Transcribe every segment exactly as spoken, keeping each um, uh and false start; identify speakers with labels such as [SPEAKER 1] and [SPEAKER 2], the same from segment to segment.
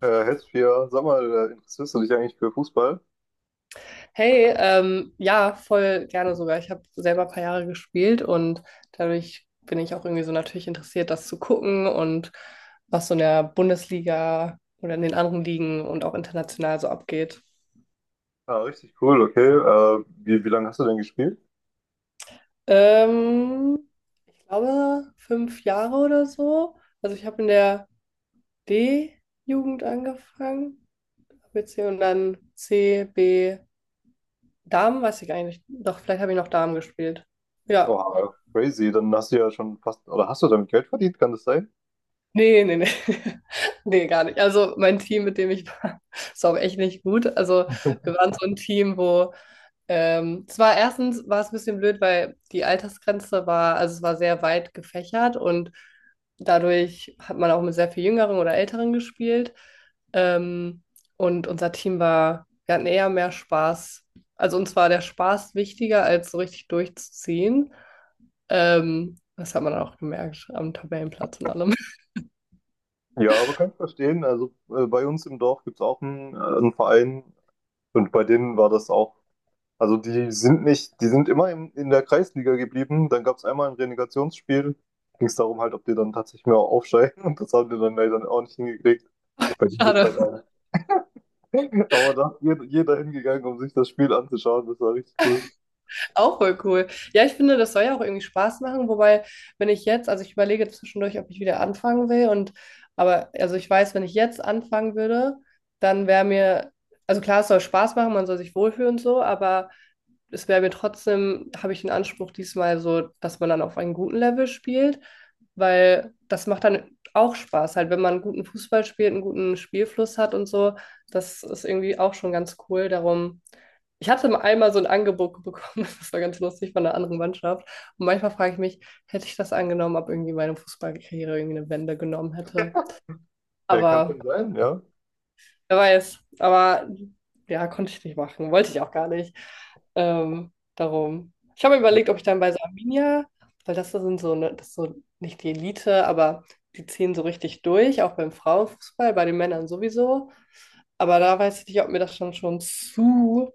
[SPEAKER 1] Äh, Hestia, sag mal, äh, interessierst du dich eigentlich für Fußball?
[SPEAKER 2] Hey, ähm, ja, voll gerne sogar. Ich habe selber ein paar Jahre gespielt und dadurch bin ich auch irgendwie so natürlich interessiert, das zu gucken und was so in der Bundesliga oder in den anderen Ligen und auch international so abgeht.
[SPEAKER 1] Ah, richtig cool, okay. Äh, wie, wie lange hast du denn gespielt?
[SPEAKER 2] Ähm, Ich glaube, fünf Jahre oder so. Also ich habe in der D-Jugend angefangen, hab jetzt hier und dann C, B, Damen, weiß ich eigentlich. Doch, vielleicht habe ich noch Damen gespielt. Ja.
[SPEAKER 1] Wow, crazy. Dann hast du ja schon fast, oder hast du damit Geld verdient, kann das sein?
[SPEAKER 2] Ne, ne, ne. Ne, gar nicht. Also mein Team, mit dem ich war, ist auch echt nicht gut. Also wir waren so ein Team, wo ähm, es war erstens war es ein bisschen blöd, weil die Altersgrenze war, also es war sehr weit gefächert, und dadurch hat man auch mit sehr viel Jüngeren oder Älteren gespielt. Ähm, und unser Team war, wir hatten eher mehr Spaß. Also uns war der Spaß wichtiger, als so richtig durchzuziehen. Ähm, das hat man auch gemerkt am Tabellenplatz und allem.
[SPEAKER 1] Ja, aber kann ich verstehen. Also äh, bei uns im Dorf gibt es auch einen, äh, einen Verein und bei denen war das auch. Also die sind nicht, die sind immer in, in der Kreisliga geblieben. Dann gab es einmal ein Relegationsspiel. Ging es darum halt, ob die dann tatsächlich mehr aufsteigen. Und das haben die dann leider auch nicht hingekriegt. Bei denen geht's halt
[SPEAKER 2] Schade.
[SPEAKER 1] auch… Aber da ist jeder, jeder hingegangen, um sich das Spiel anzuschauen. Das war richtig cool.
[SPEAKER 2] Auch voll cool. Ja, ich finde, das soll ja auch irgendwie Spaß machen, wobei, wenn ich jetzt, also ich überlege zwischendurch, ob ich wieder anfangen will, und aber also ich weiß, wenn ich jetzt anfangen würde, dann wäre mir, also klar, es soll Spaß machen, man soll sich wohlfühlen und so, aber es wäre mir trotzdem, habe ich den Anspruch diesmal so, dass man dann auf einem guten Level spielt, weil das macht dann auch Spaß, halt, wenn man guten Fußball spielt, einen guten Spielfluss hat und so. Das ist irgendwie auch schon ganz cool. Darum, ich hatte mal einmal so ein Angebot bekommen, das war ganz lustig, von einer anderen Mannschaft. Und manchmal frage ich mich, hätte ich das angenommen, ob irgendwie meine Fußballkarriere irgendwie eine Wende genommen hätte.
[SPEAKER 1] Äh, kann
[SPEAKER 2] Aber
[SPEAKER 1] schon sein, ja.
[SPEAKER 2] wer weiß. Aber ja, konnte ich nicht machen. Wollte ich auch gar nicht. Ähm, darum. Ich habe mir überlegt, ob ich dann bei so Arminia, weil das sind so, ne, das ist so nicht die Elite, aber die ziehen so richtig durch, auch beim Frauenfußball, bei den Männern sowieso. Aber da weiß ich nicht, ob mir das schon schon zu,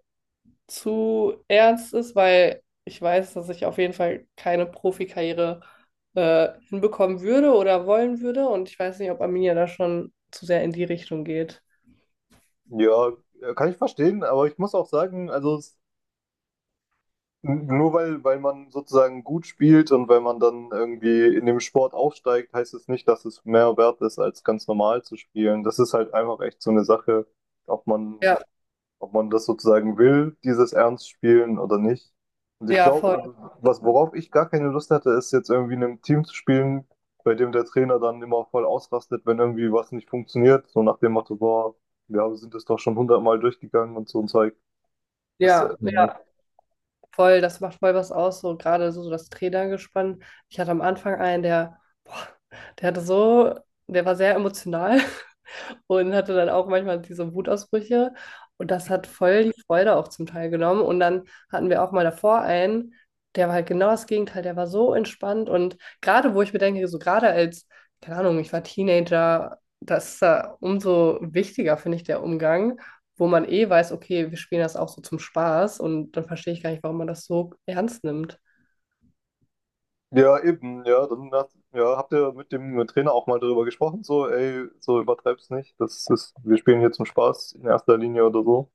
[SPEAKER 2] zu ernst ist, weil ich weiß, dass ich auf jeden Fall keine Profikarriere äh, hinbekommen würde oder wollen würde. Und ich weiß nicht, ob Arminia da schon zu sehr in die Richtung geht.
[SPEAKER 1] Ja, äh, kann ich verstehen, aber ich muss auch sagen, also es- n- nur weil, weil man sozusagen gut spielt und weil man dann irgendwie in dem Sport aufsteigt, heißt es nicht, dass es mehr wert ist, als ganz normal zu spielen. Das ist halt einfach echt so eine Sache, ob man
[SPEAKER 2] Ja,
[SPEAKER 1] ob man das sozusagen will, dieses Ernst spielen oder nicht. Und ich
[SPEAKER 2] ja,
[SPEAKER 1] glaube,
[SPEAKER 2] voll.
[SPEAKER 1] also was, worauf ich gar keine Lust hatte, ist jetzt irgendwie in einem Team zu spielen, bei dem der Trainer dann immer voll ausrastet, wenn irgendwie was nicht funktioniert. So nach dem Motto, boah, ja, wir sind das doch schon hundertmal durchgegangen und so ein Zeug. Das, äh,
[SPEAKER 2] Ja,
[SPEAKER 1] Ja.
[SPEAKER 2] ja, voll, das macht voll was aus, so gerade so, so das Trainergespann. Ich hatte am Anfang einen, der, boah, der hatte so, der war sehr emotional. Und hatte dann auch manchmal diese Wutausbrüche. Und das hat voll die Freude auch zum Teil genommen. Und dann hatten wir auch mal davor einen, der war halt genau das Gegenteil, der war so entspannt. Und gerade wo ich mir denke, so gerade als, keine Ahnung, ich war Teenager, das ist ja umso wichtiger, finde ich, der Umgang, wo man eh weiß, okay, wir spielen das auch so zum Spaß. Und dann verstehe ich gar nicht, warum man das so ernst nimmt.
[SPEAKER 1] Ja, eben, ja, dann hat, ja, habt ihr mit dem Trainer auch mal darüber gesprochen, so, ey, so übertreib's nicht. Das ist, wir spielen hier zum Spaß in erster Linie oder so.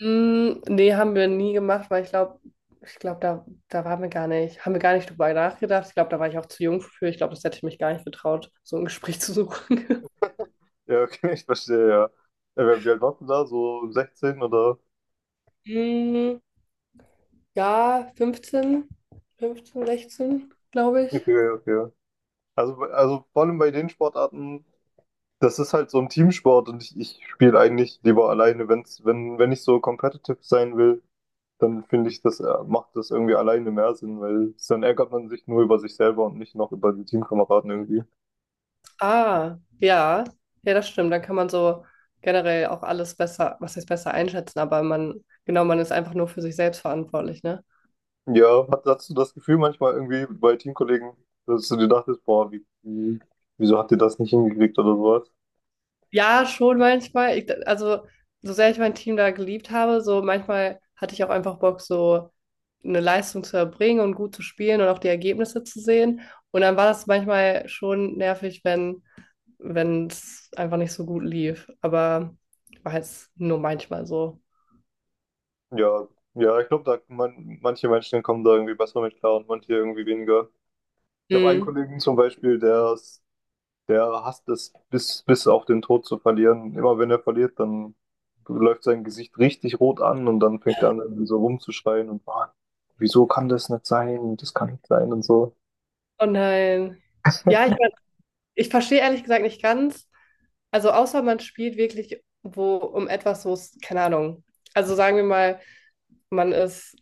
[SPEAKER 2] Mm, nee, haben wir nie gemacht, weil ich glaube, ich glaube, da, da waren wir gar nicht, haben wir gar nicht drüber nachgedacht. Ich glaube, da war ich auch zu jung für. Ich glaube, das hätte ich mich gar nicht getraut, so ein Gespräch zu suchen.
[SPEAKER 1] Ja, okay, ich verstehe, ja. Äh, Wie alt warst du da? So sechzehn oder?
[SPEAKER 2] Mm, ja, fünfzehn, fünfzehn, sechzehn, glaube ich.
[SPEAKER 1] Okay, okay. Also, also vor allem bei den Sportarten, das ist halt so ein Teamsport und ich, ich spiele eigentlich lieber alleine. Wenn's, wenn, wenn ich so competitive sein will, dann finde ich, das äh, macht das irgendwie alleine mehr Sinn, weil dann ärgert man sich nur über sich selber und nicht noch über die Teamkameraden irgendwie.
[SPEAKER 2] Ah, ja, ja, das stimmt. Dann kann man so generell auch alles besser, was heißt besser einschätzen, aber man, genau, man ist einfach nur für sich selbst verantwortlich, ne?
[SPEAKER 1] Ja, hat- hast du das Gefühl manchmal irgendwie bei Teamkollegen, dass du dir dachtest, boah, wie, wie, wieso habt ihr das nicht hingekriegt oder sowas?
[SPEAKER 2] Ja, schon manchmal. Ich, also, so sehr ich mein Team da geliebt habe, so manchmal hatte ich auch einfach Bock, so eine Leistung zu erbringen und gut zu spielen und auch die Ergebnisse zu sehen. Und dann war das manchmal schon nervig, wenn wenn es einfach nicht so gut lief. Aber war jetzt nur manchmal so.
[SPEAKER 1] Ja, ja, ich glaube, da man, manche Menschen kommen da irgendwie besser mit klar und manche irgendwie weniger. Ich habe einen
[SPEAKER 2] Mhm.
[SPEAKER 1] Kollegen zum Beispiel, der, ist- der hasst es, bis, bis auf den Tod zu verlieren. Immer wenn er verliert, dann läuft sein Gesicht richtig rot an und dann fängt er an, irgendwie so rumzuschreien und "Ah, wieso kann das nicht sein? Das kann nicht sein und so."
[SPEAKER 2] Oh nein. Ja, ich, ich verstehe ehrlich gesagt nicht ganz. Also außer man spielt wirklich wo um etwas, wo es, keine Ahnung. Also sagen wir mal, man ist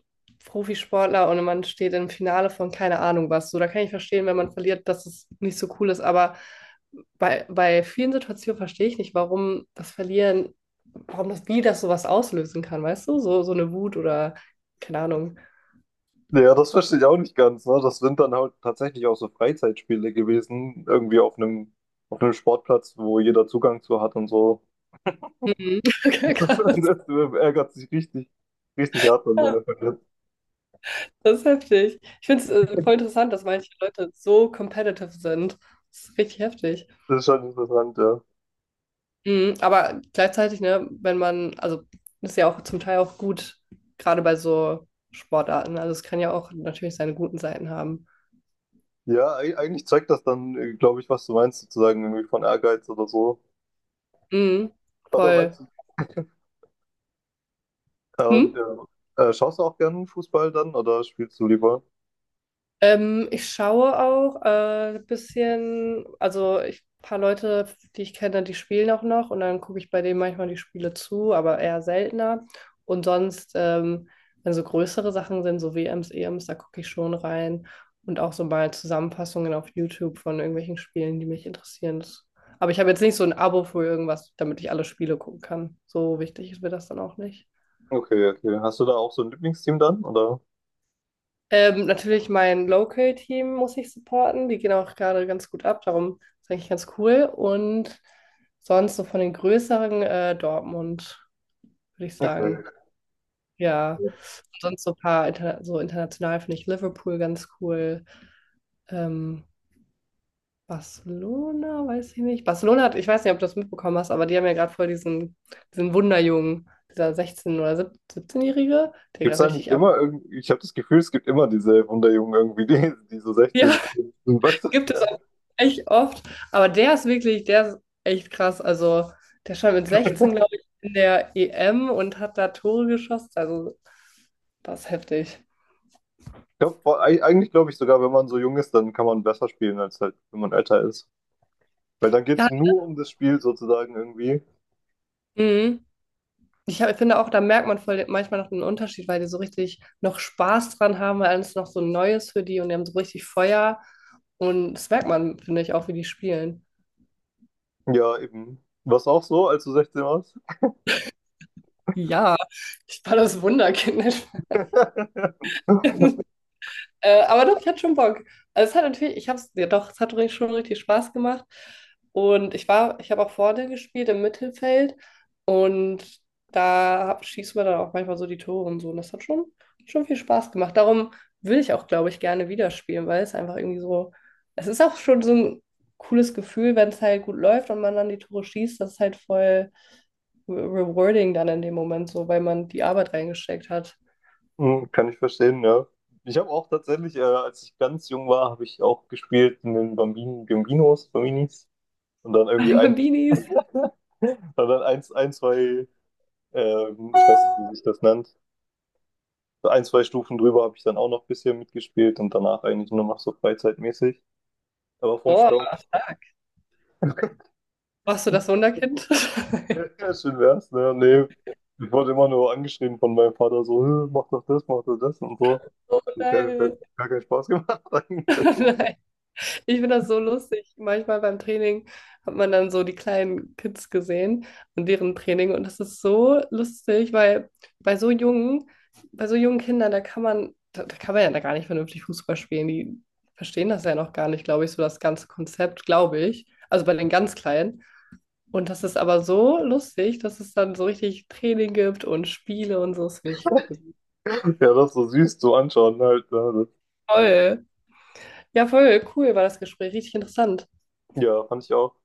[SPEAKER 2] Profisportler und man steht im Finale von keine Ahnung was. So, da kann ich verstehen, wenn man verliert, dass es nicht so cool ist. Aber bei, bei vielen Situationen verstehe ich nicht, warum das Verlieren, warum das, wie das sowas auslösen kann, weißt du? So, so eine Wut oder keine Ahnung.
[SPEAKER 1] Ja, das verstehe ich auch nicht ganz, ne? Das sind dann halt tatsächlich auch so Freizeitspiele gewesen, irgendwie auf einem, auf einem Sportplatz, wo jeder Zugang zu hat und so.
[SPEAKER 2] Mhm. Okay, krass.
[SPEAKER 1] Das ärgert sich richtig, richtig hart, wenn er verliert.
[SPEAKER 2] Das ist heftig. Ich finde es äh, voll interessant, dass manche Leute so competitive sind. Das ist richtig heftig.
[SPEAKER 1] Das ist schon interessant, ja.
[SPEAKER 2] Mhm, aber gleichzeitig, ne, wenn man, also das ist ja auch zum Teil auch gut, gerade bei so Sportarten. Also es kann ja auch natürlich seine guten Seiten haben.
[SPEAKER 1] Ja, eig- eigentlich zeigt das dann, glaube ich, was du meinst, sozusagen irgendwie von Ehrgeiz oder so.
[SPEAKER 2] Mhm,
[SPEAKER 1] Oder
[SPEAKER 2] voll.
[SPEAKER 1] meinst du? Äh,
[SPEAKER 2] Hm?
[SPEAKER 1] und, äh, äh, Schaust du auch gerne Fußball dann oder spielst du lieber?
[SPEAKER 2] Ähm, ich schaue auch äh, ein bisschen, also ich, ein paar Leute, die ich kenne, die spielen auch noch, und dann gucke ich bei denen manchmal die Spiele zu, aber eher seltener. Und sonst, ähm, wenn so größere Sachen sind, so W Ms, E Ms, da gucke ich schon rein und auch so mal Zusammenfassungen auf YouTube von irgendwelchen Spielen, die mich interessieren. Das, aber ich habe jetzt nicht so ein Abo für irgendwas, damit ich alle Spiele gucken kann. So wichtig ist mir das dann auch nicht.
[SPEAKER 1] Okay, okay. Hast du da auch so ein Lieblingsteam dann, oder?
[SPEAKER 2] Ähm, natürlich mein Local-Team muss ich supporten. Die gehen auch gerade ganz gut ab, darum ist eigentlich ganz cool. Und sonst so von den größeren äh, Dortmund, würde ich sagen.
[SPEAKER 1] Okay.
[SPEAKER 2] Ja. Und sonst so ein paar interna, so international finde ich Liverpool ganz cool. Ähm, Barcelona, weiß ich nicht. Barcelona hat, ich weiß nicht, ob du das mitbekommen hast, aber die haben ja gerade voll diesen, diesen Wunderjungen, dieser sechzehn- oder 17- 17-Jährige, der
[SPEAKER 1] Gibt's
[SPEAKER 2] gerade
[SPEAKER 1] da nicht
[SPEAKER 2] richtig ab.
[SPEAKER 1] immer irgendwie, ich habe das Gefühl, es gibt immer diese Wunderjungen irgendwie, die, die so
[SPEAKER 2] Ja,
[SPEAKER 1] sechzehn sind. Weißt du?
[SPEAKER 2] gibt es
[SPEAKER 1] Ja.
[SPEAKER 2] auch echt oft, aber der ist wirklich, der ist echt krass. Also, der stand mit sechzehn, glaube ich, in der E M und hat da Tore geschossen. Also, das ist heftig.
[SPEAKER 1] Ich glaub, boah, eig- eigentlich glaube ich sogar, wenn man so jung ist, dann kann man besser spielen, als halt, wenn man älter ist. Weil dann geht's
[SPEAKER 2] Ja,
[SPEAKER 1] nur um das Spiel sozusagen irgendwie.
[SPEAKER 2] mhm. Ich hab, ich finde auch, da merkt man voll manchmal noch den Unterschied, weil die so richtig noch Spaß dran haben, weil alles noch so Neues für die, und die haben so richtig Feuer. Und das merkt man, finde ich, auch, wie die spielen.
[SPEAKER 1] Ja, eben. War's auch so, als du sechzehn warst?
[SPEAKER 2] Ja, ich war das Wunderkind. Äh, aber doch, ich hatte schon Bock. Also es hat natürlich, ich habe es, ja doch, es hat ri- schon richtig Spaß gemacht. Und ich war, ich habe auch vorne gespielt im Mittelfeld, und da hab, schießen wir dann auch manchmal so die Tore und so. Und das hat schon, schon viel Spaß gemacht. Darum will ich auch, glaube ich, gerne wieder spielen, weil es einfach irgendwie so, es ist auch schon so ein cooles Gefühl, wenn es halt gut läuft und man dann die Tore schießt. Das ist halt voll re- rewarding dann in dem Moment so, weil man die Arbeit reingesteckt hat.
[SPEAKER 1] Hm, kann ich verstehen, ja. Ich habe auch tatsächlich, äh, als ich ganz jung war, habe ich auch gespielt in den Bambin Bambinos, Bambinis. Und dann irgendwie
[SPEAKER 2] Alle
[SPEAKER 1] ein…
[SPEAKER 2] Bambinis.
[SPEAKER 1] und dann eins, ein, zwei, ähm, ich weiß nicht, wie sich das nennt. So ein, zwei Stufen drüber habe ich dann auch noch ein bisschen mitgespielt und danach eigentlich nur noch so freizeitmäßig. Aber vom
[SPEAKER 2] Oh.
[SPEAKER 1] Sport.
[SPEAKER 2] Warst du das Wunderkind?
[SPEAKER 1] Ja, ja, schön wär's, ne? Nee. Ich wurde immer nur angeschrieben von meinem Vater, so, "Hä, mach doch das, mach doch das und so."
[SPEAKER 2] Oh
[SPEAKER 1] Das hat gar,
[SPEAKER 2] nein.
[SPEAKER 1] Gar keinen Spaß gemacht eigentlich.
[SPEAKER 2] Nein. Ich finde das so lustig. Manchmal beim Training hat man dann so die kleinen Kids gesehen und deren Training. Und das ist so lustig, weil bei so jungen, bei so jungen Kindern, da kann man, da, da kann man ja da gar nicht vernünftig Fußball spielen. Die verstehen das ja noch gar nicht, glaube ich, so das ganze Konzept, glaube ich. Also bei den ganz Kleinen. Und das ist aber so lustig, dass es dann so richtig Training gibt und Spiele und so. Das finde ich
[SPEAKER 1] Ja, das so süß zu anschauen halt, ne?
[SPEAKER 2] toll. Ja, voll cool war das Gespräch, richtig interessant.
[SPEAKER 1] Das, ja, fand ich auch.